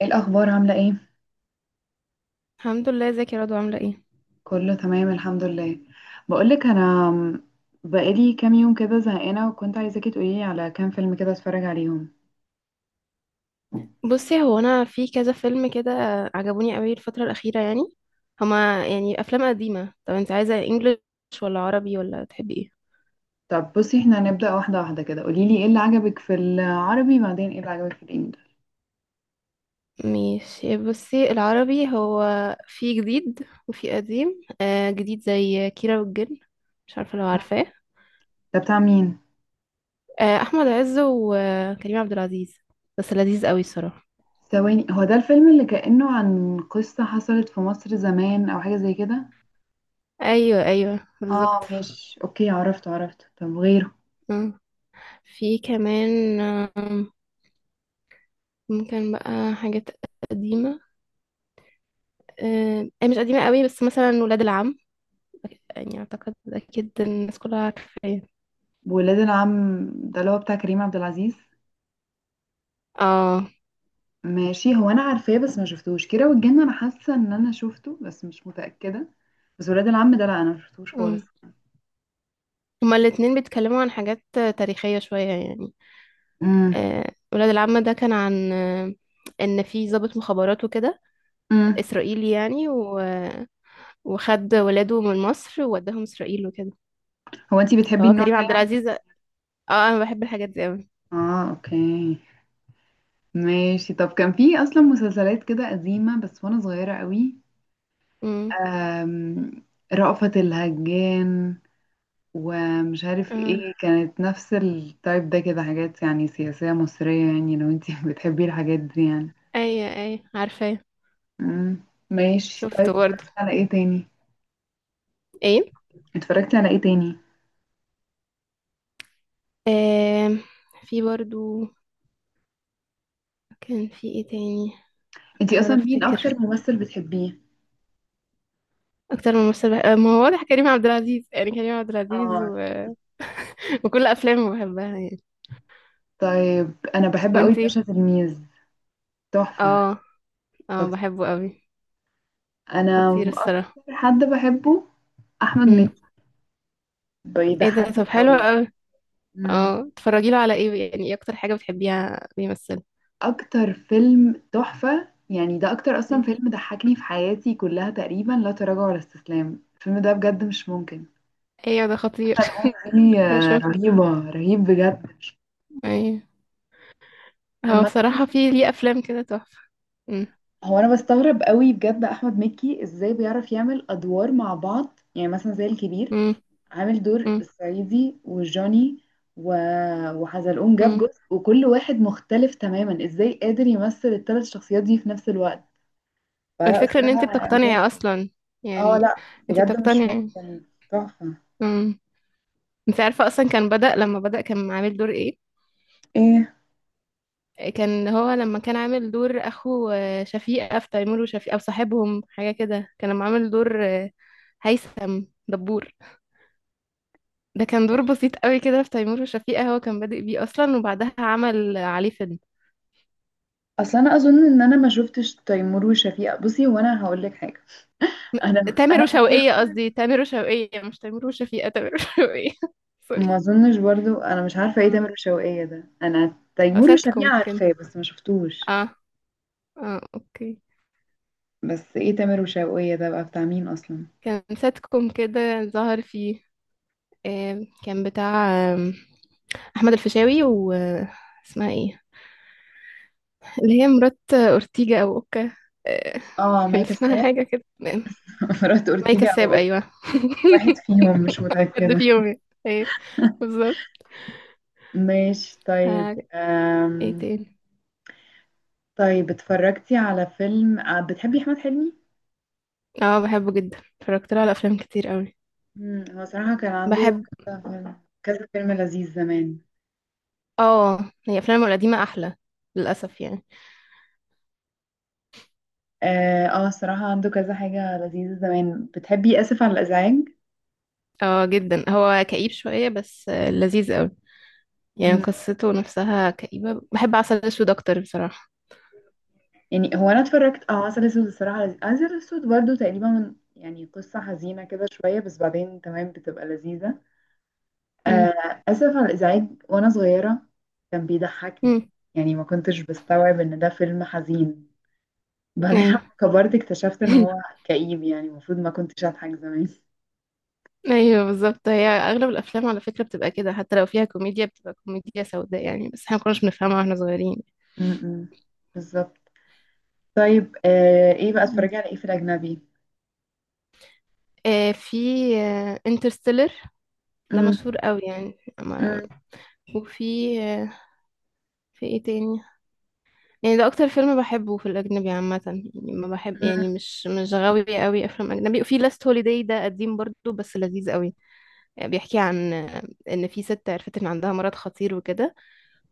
ايه الاخبار؟ عامله ايه؟ الحمد لله، ازيك يا رضوى؟ عامله ايه؟ كله تمام، الحمد لله. بقولك انا، بقالي كام يوم كده زهقانه، وكنت عايزاكي تقوليلي على كام فيلم كده اتفرج عليهم. بصي هو انا في كذا فيلم كده عجبوني قوي الفتره الاخيره، يعني هما يعني افلام قديمه. طب انت عايزه انجليش ولا عربي، ولا تحبي ايه؟ طب بصي، احنا هنبدا واحده واحده كده. قوليلي ايه اللي عجبك في العربي، بعدين ايه اللي عجبك في الانجليزي؟ ماشي، بصي العربي هو في جديد وفي قديم. آه جديد زي كيرة والجن، مش عارفه لو عارفاه. ده بتاع مين؟ آه، احمد عز وكريم عبد العزيز، بس لذيذ قوي الصراحه. ثواني، هو ده الفيلم اللي كانه عن قصه حصلت في مصر زمان او حاجه زي كده؟ ايوه ايوه بالظبط. اه ماشي، اوكي عرفت عرفت. طب غيره؟ آه. في كمان ممكن بقى حاجات قديمه. هي مش قديمة قوي، بس مثلا ولاد العم، يعني أعتقد أكيد الناس كلها عارفاه. ولاد العم ده اللي هو بتاع كريم عبد العزيز؟ اه. ماشي، هو انا عارفاه، بس ما شفتوش كيرة والجن، انا حاسه ان انا شفته بس مش متاكده. بس ولاد العم ده لا، انا ما شفتوش خالص. مم. هما الاتنين بيتكلموا عن حاجات تاريخية شوية يعني. امم. آه، ولاد العم ده كان عن إن في ضابط مخابرات وكده، امم. إسرائيلي يعني، وخد ولاده من مصر ووداهم إسرائيل وكده. هو انتي بتحبي فهو النوع كريم ده عبد يعني؟ العزيز، اه. أنا بحب الحاجات دي أوي. اه اوكي ماشي. طب كان في اصلا مسلسلات كده قديمه بس وانا صغيره قوي. مم. أم... رأفت الهجان، ومش عارف اه، ايه، كانت نفس التايب ده كده، حاجات يعني سياسيه مصريه، يعني لو انتي بتحبي الحاجات دي يعني. أيوة أيوة عارفاه. امم. ماشي شفته طيب، برضه. اتفرجت على ايه تاني؟ ايه. اتفرجتي على ايه تاني؟ آه، في برضه، كان في ايه تاني؟ انتي بحاول اصلا مين افتكر. اكتر ممثل بتحبيه؟ اكتر من ممثل ما هو واضح كريم عبد العزيز، يعني كريم عبد العزيز اه. وكل افلامه بحبها يعني. طيب انا بحب قوي وانتي؟ باشا تلميذ. تحفة. اه، اه طب، بحبه قوي، انا خطير اكتر الصراحه. حد بحبه احمد امم. مكي، ايه ده، طب بيضحكني حلو قوي. قوي. مم. اه، تتفرجي له على ايه؟ يعني ايه اكتر حاجه بتحبيها بيمثل؟ اكتر فيلم تحفة يعني، ده اكتر اصلا مم. فيلم ضحكني في حياتي كلها تقريبا، لا تراجع ولا استسلام. الفيلم ده بجد مش ممكن. ايوه، ده خطير. حتى الأغنية دي انا شفت، رهيبة، رهيب بجد. ايوه. هو عامة، بصراحه في ليه افلام كده تحفه. امم. هو انا بستغرب قوي بجد، احمد مكي ازاي بيعرف يعمل ادوار مع بعض، يعني مثلا زي الكبير، امم. عامل دور الصعيدي وجوني و... وحزلقوم جاب امم. جزء، وكل واحد مختلف تماما. ازاي قادر يمثل الثلاث شخصيات دي في نفس الوقت؟ فلا الفكره ان انت بصراحة بتقتنعي جامد. اصلا اه يعني، لا، انت بجد مش بتقتنعي. ممكن. تحفة. مم. انت عارفة اصلا كان بدأ لما بدأ كان عامل دور ايه؟ ايه، كان هو لما كان عامل دور اخو شفيقة في تيمور وشفيقة، او صاحبهم، حاجة كده. كان لما عامل دور هيثم دبور، ده كان دور بسيط قوي كده في تيمور وشفيقة، هو كان بادئ بيه اصلا وبعدها عمل عليه فيلم. اصل انا اظن ان انا ما شفتش تيمور وشفيقة. بصي وانا هقول لك حاجة، انا تامر انا وشوقية قصدي، تامر وشوقية مش تيمور وشفيقة، تامر وشوقية. سوري. ما اظنش برضو، انا مش عارفه ايه اه، تامر وشوقية ده، انا أو تيمور وشفيقة ساتكم كان. عارفاه بس ما شفتوش. اه. اه اوكي. بس ايه تامر وشوقية ده بقى بتاع مين اصلا؟ كان ساتكم كده ظهر فيه. كان بتاع آم، احمد الفيشاوي و اسمها ايه، اللي هي مرات اورتيجا او اوكا. آه، اه كان مايا اسمها كساب. حاجه كده. مرات مي اورتيجا او كساب، أوكا. ايوه. واحد فيهم، مش حد متاكده. فيهم يعني. ايه، بالظبط. ماشي طيب. ف- ايه أم... تاني؟ طيب، اتفرجتي على فيلم، بتحبي احمد حلمي؟ اه بحبه جدا، اتفرجت له على افلام كتير قوي. هو صراحه كان عنده بحب. كذا فيلم، كذا فيلم لذيذ زمان. اه، هي افلامه القديمه احلى للاسف يعني. اه. صراحه عنده كذا حاجه لذيذه زمان. بتحبي اسف على الازعاج؟ اه جدا، هو كئيب شويه، بس لذيذ قوي يعني. قصته نفسها كئيبه، بحب عسل اسود اكتر بصراحه. يعني هو انا اتفرجت عسل اسود. الصراحه لذيذ، عسل اسود برضو تقريبا يعني قصه حزينه كده شويه، بس بعدين تمام بتبقى لذيذه. امم. اسف على الازعاج، وانا صغيره كان بيضحكني، امم. يعني ما كنتش بستوعب ان ده فيلم حزين. بعدين لما ايوه. كبرت اكتشفت ان هو كئيب، يعني المفروض ما كنتش اضحك زمان. ايوه بالظبط، هي اغلب الافلام على فكره بتبقى كده، حتى لو فيها كوميديا بتبقى كوميديا سوداء يعني، بس احنا ما كناش بنفهمها واحنا صغيرين. م-م. بالظبط. طيب، ايه بقى، مم. اتفرجي على ايه في الاجنبي؟ آه، في انترستيلر، ده م-. مشهور قوي يعني. أما- م-. وفي آه، في ايه تاني؟ يعني ده اكتر فيلم بحبه في الاجنبي عامه يعني، ما بحب م-. يعني، مش غاوي قوي افلام اجنبي. وفي لاست هوليداي، ده قديم برضو بس لذيذ قوي. بيحكي عن ان في ست عرفت ان عندها مرض خطير وكده،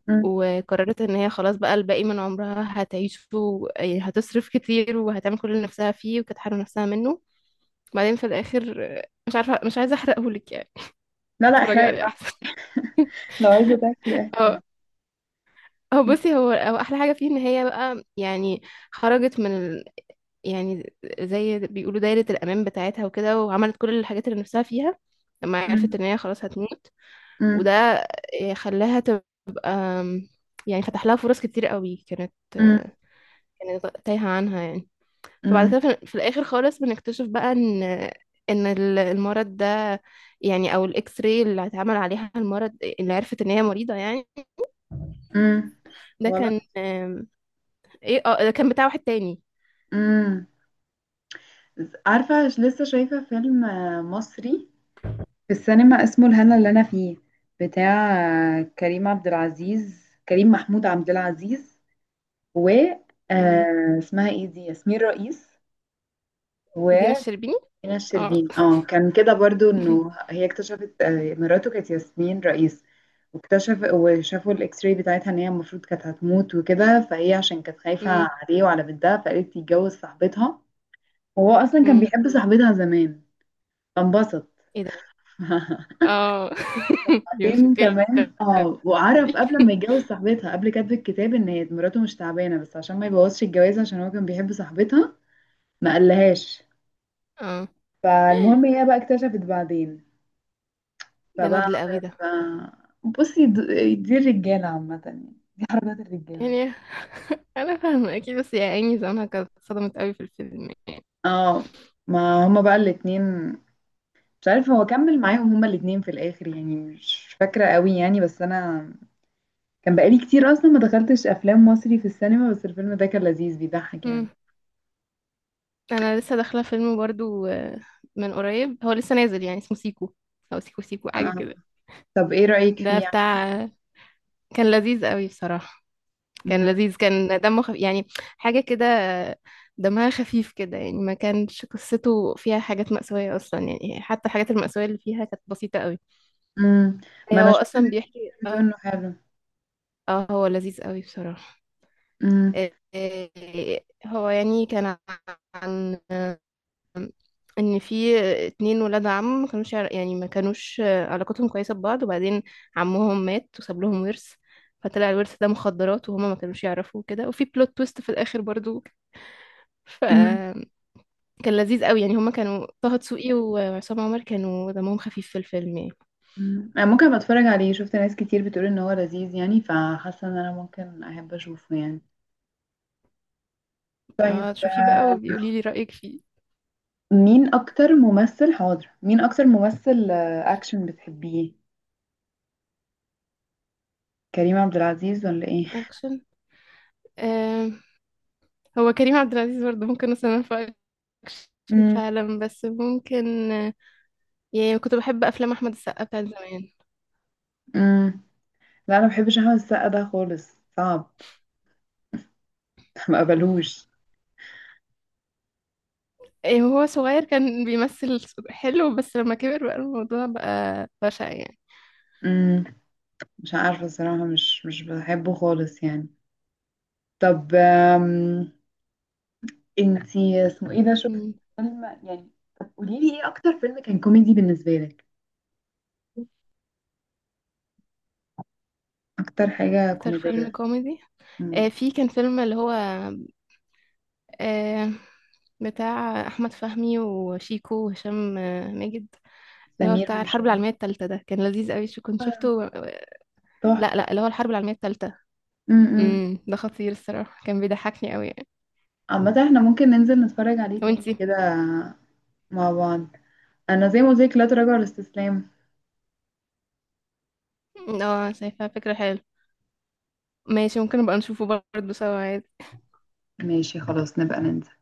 م-. وقررت ان هي خلاص بقى الباقي من عمرها هتعيشه يعني هتصرف كتير وهتعمل كل اللي نفسها فيه وكانت حارمة نفسها منه. بعدين في الاخر مش عارفة، مش عايزة احرقهولك يعني، لا، لا، اتفرجي احرقي عليه احسن. براحتك، لو عايزه تحكي احكي. اه. هو م-. بصي هو هو احلى حاجة فيه ان هي بقى يعني خرجت من يعني زي بيقولوا دايرة الامان بتاعتها وكده، وعملت كل الحاجات اللي نفسها فيها لما عرفت م-. ان هي خلاص هتموت. م-. وده خلاها تبقى آم، يعني فتح لها فرص كتير قوي كانت م-. كانت تايهة عنها يعني. فبعد امم. كده في الاخر خالص بنكتشف بقى ان المرض ده، يعني او الاكس راي اللي اتعمل عليها المرض اللي عرفت ان هي مريضه يعني، امم. ده غلط. كان ايه، اه ده كان بتاع واحد تاني. امم. عارفة، لسه شايفة فيلم مصري في السينما اسمه الهنا اللي أنا فيه، بتاع كريم عبد العزيز، كريم محمود عبد العزيز، و مم. اسمها ايه دي، ياسمين رئيس. ودينا وسمينة الشربيني. اه. الشربيني. اه كان كده برضو، انه هي اكتشفت مراته كانت ياسمين رئيس، واكتشف وشافوا الاكس راي بتاعتها ان هي المفروض كانت هتموت وكده، فهي عشان كانت خايفة مم. عليه وعلى بنتها، فقالت تتجوز صاحبتها. هو اصلا كان مم. بيحب صاحبتها زمان، فانبسط. ايه ده. اه. دي بعدين مشكله. تمام. اه وعرف قبل ما يتجوز صاحبتها، قبل كاتب الكتاب، ان هي مراته مش تعبانه، بس عشان ما يبوظش الجواز، عشان هو كان بيحب صاحبتها، ما قالهاش. اه، فالمهم هي بقى اكتشفت بعدين، ده فبقى ندل قوي عملت ده. بصي، دي الرجاله عامه، يعني دي حركات الرجاله. يعني انا فاهمه اكيد، بس يا عيني زمانها كانت صدمت قوي في الفيلم اه، ما هما بقى الاتنين، مش عارفه هو كمل معاهم هما الاتنين في الاخر يعني، مش فاكره قوي يعني. بس انا كان بقالي كتير اصلا ما دخلتش افلام مصري في السينما، بس الفيلم ده كان لذيذ بيضحك يعني. يعني. انا لسه داخله فيلم برضو من قريب، هو لسه نازل يعني، اسمه سيكو او سيكو سيكو، حاجه اه، كده. طب ايه رأيك ده فيه يعني؟ بتاع كان لذيذ قوي بصراحه. كان مم. لذيذ، كان دمه خفيف يعني، حاجه كده. دمها خفيف كده يعني، ما كانش قصته فيها حاجات مأساوية أصلا يعني، حتى الحاجات المأساوية اللي فيها كانت بسيطة قوي. مم. ما هو انا شفت أصلا ناس بيحكي، كتير بتقول اه. انه حلو. اه هو لذيذ قوي بصراحة. مم. آه، آه، هو يعني كان عن ان في اتنين ولاد عم ما كانوش يعر- يعني ما كانوش علاقتهم كويسه ببعض، وبعدين عمهم مات وساب لهم ورث، فطلع الورث ده مخدرات وهما ما كانوش يعرفوا كده، وفي بلوت تويست في الاخر برضو. مم. فكان لذيذ قوي يعني، هما كانوا طه دسوقي وعصام عمر كانوا دمهم خفيف في الفيلم يعني. مم. انا ممكن ابقى اتفرج عليه، شفت ناس كتير بتقول ان هو لذيذ يعني، فحاسه ان انا ممكن احب اشوفه يعني. طيب، اه شوفيه بقى وبيقولي لي رايك فيه. مين اكتر ممثل اكشن بتحبيه؟ كريم عبد العزيز ولا ايه؟ اكشن. آه، هو كريم عبد العزيز برضه ممكن اصنفه اكشن مم. فعلا، بس ممكن، يعني كنت بحب افلام احمد السقا بتاعت زمان. مم. لا، انا ما بحبش احمد السقا ده خالص، صعب. ما قبلوش. إيه، هو صغير كان بيمثل حلو، بس لما كبر بقى الموضوع بقى بشع يعني. امم مش عارفة الصراحة، مش بحبه خالص يعني. طب، انتي اسمه ايه ده، شفت مم. فيلم يعني؟ طب قوليلي ايه اكتر فيلم كان كوميدي بالنسبة لك، اكتر حاجة اكتر فيلم كوميدية. كوميدي؟ آه مم. في كان فيلم اللي هو آه بتاع احمد فهمي وشيكو وهشام ماجد، اللي هو سمير بتاع الحرب وشهير. العالميه الثالثه، ده كان لذيذ قوي. شو كنت شفته لا تحفة. لا، اللي هو الحرب العالميه الثالثه. امم امم، ده خطير الصراحه، كان بيضحكني قوي يعني. عامة احنا ممكن ننزل نتفرج عليه تاني وانتي؟ كده مع بعض. انا زي ما قلت لك، لا تراجع ولا استسلام. اه شايفه فكره حلوه، ماشي، ممكن نبقى نشوفه برضه سوا. ماشي، خلاص نبقى ننزل.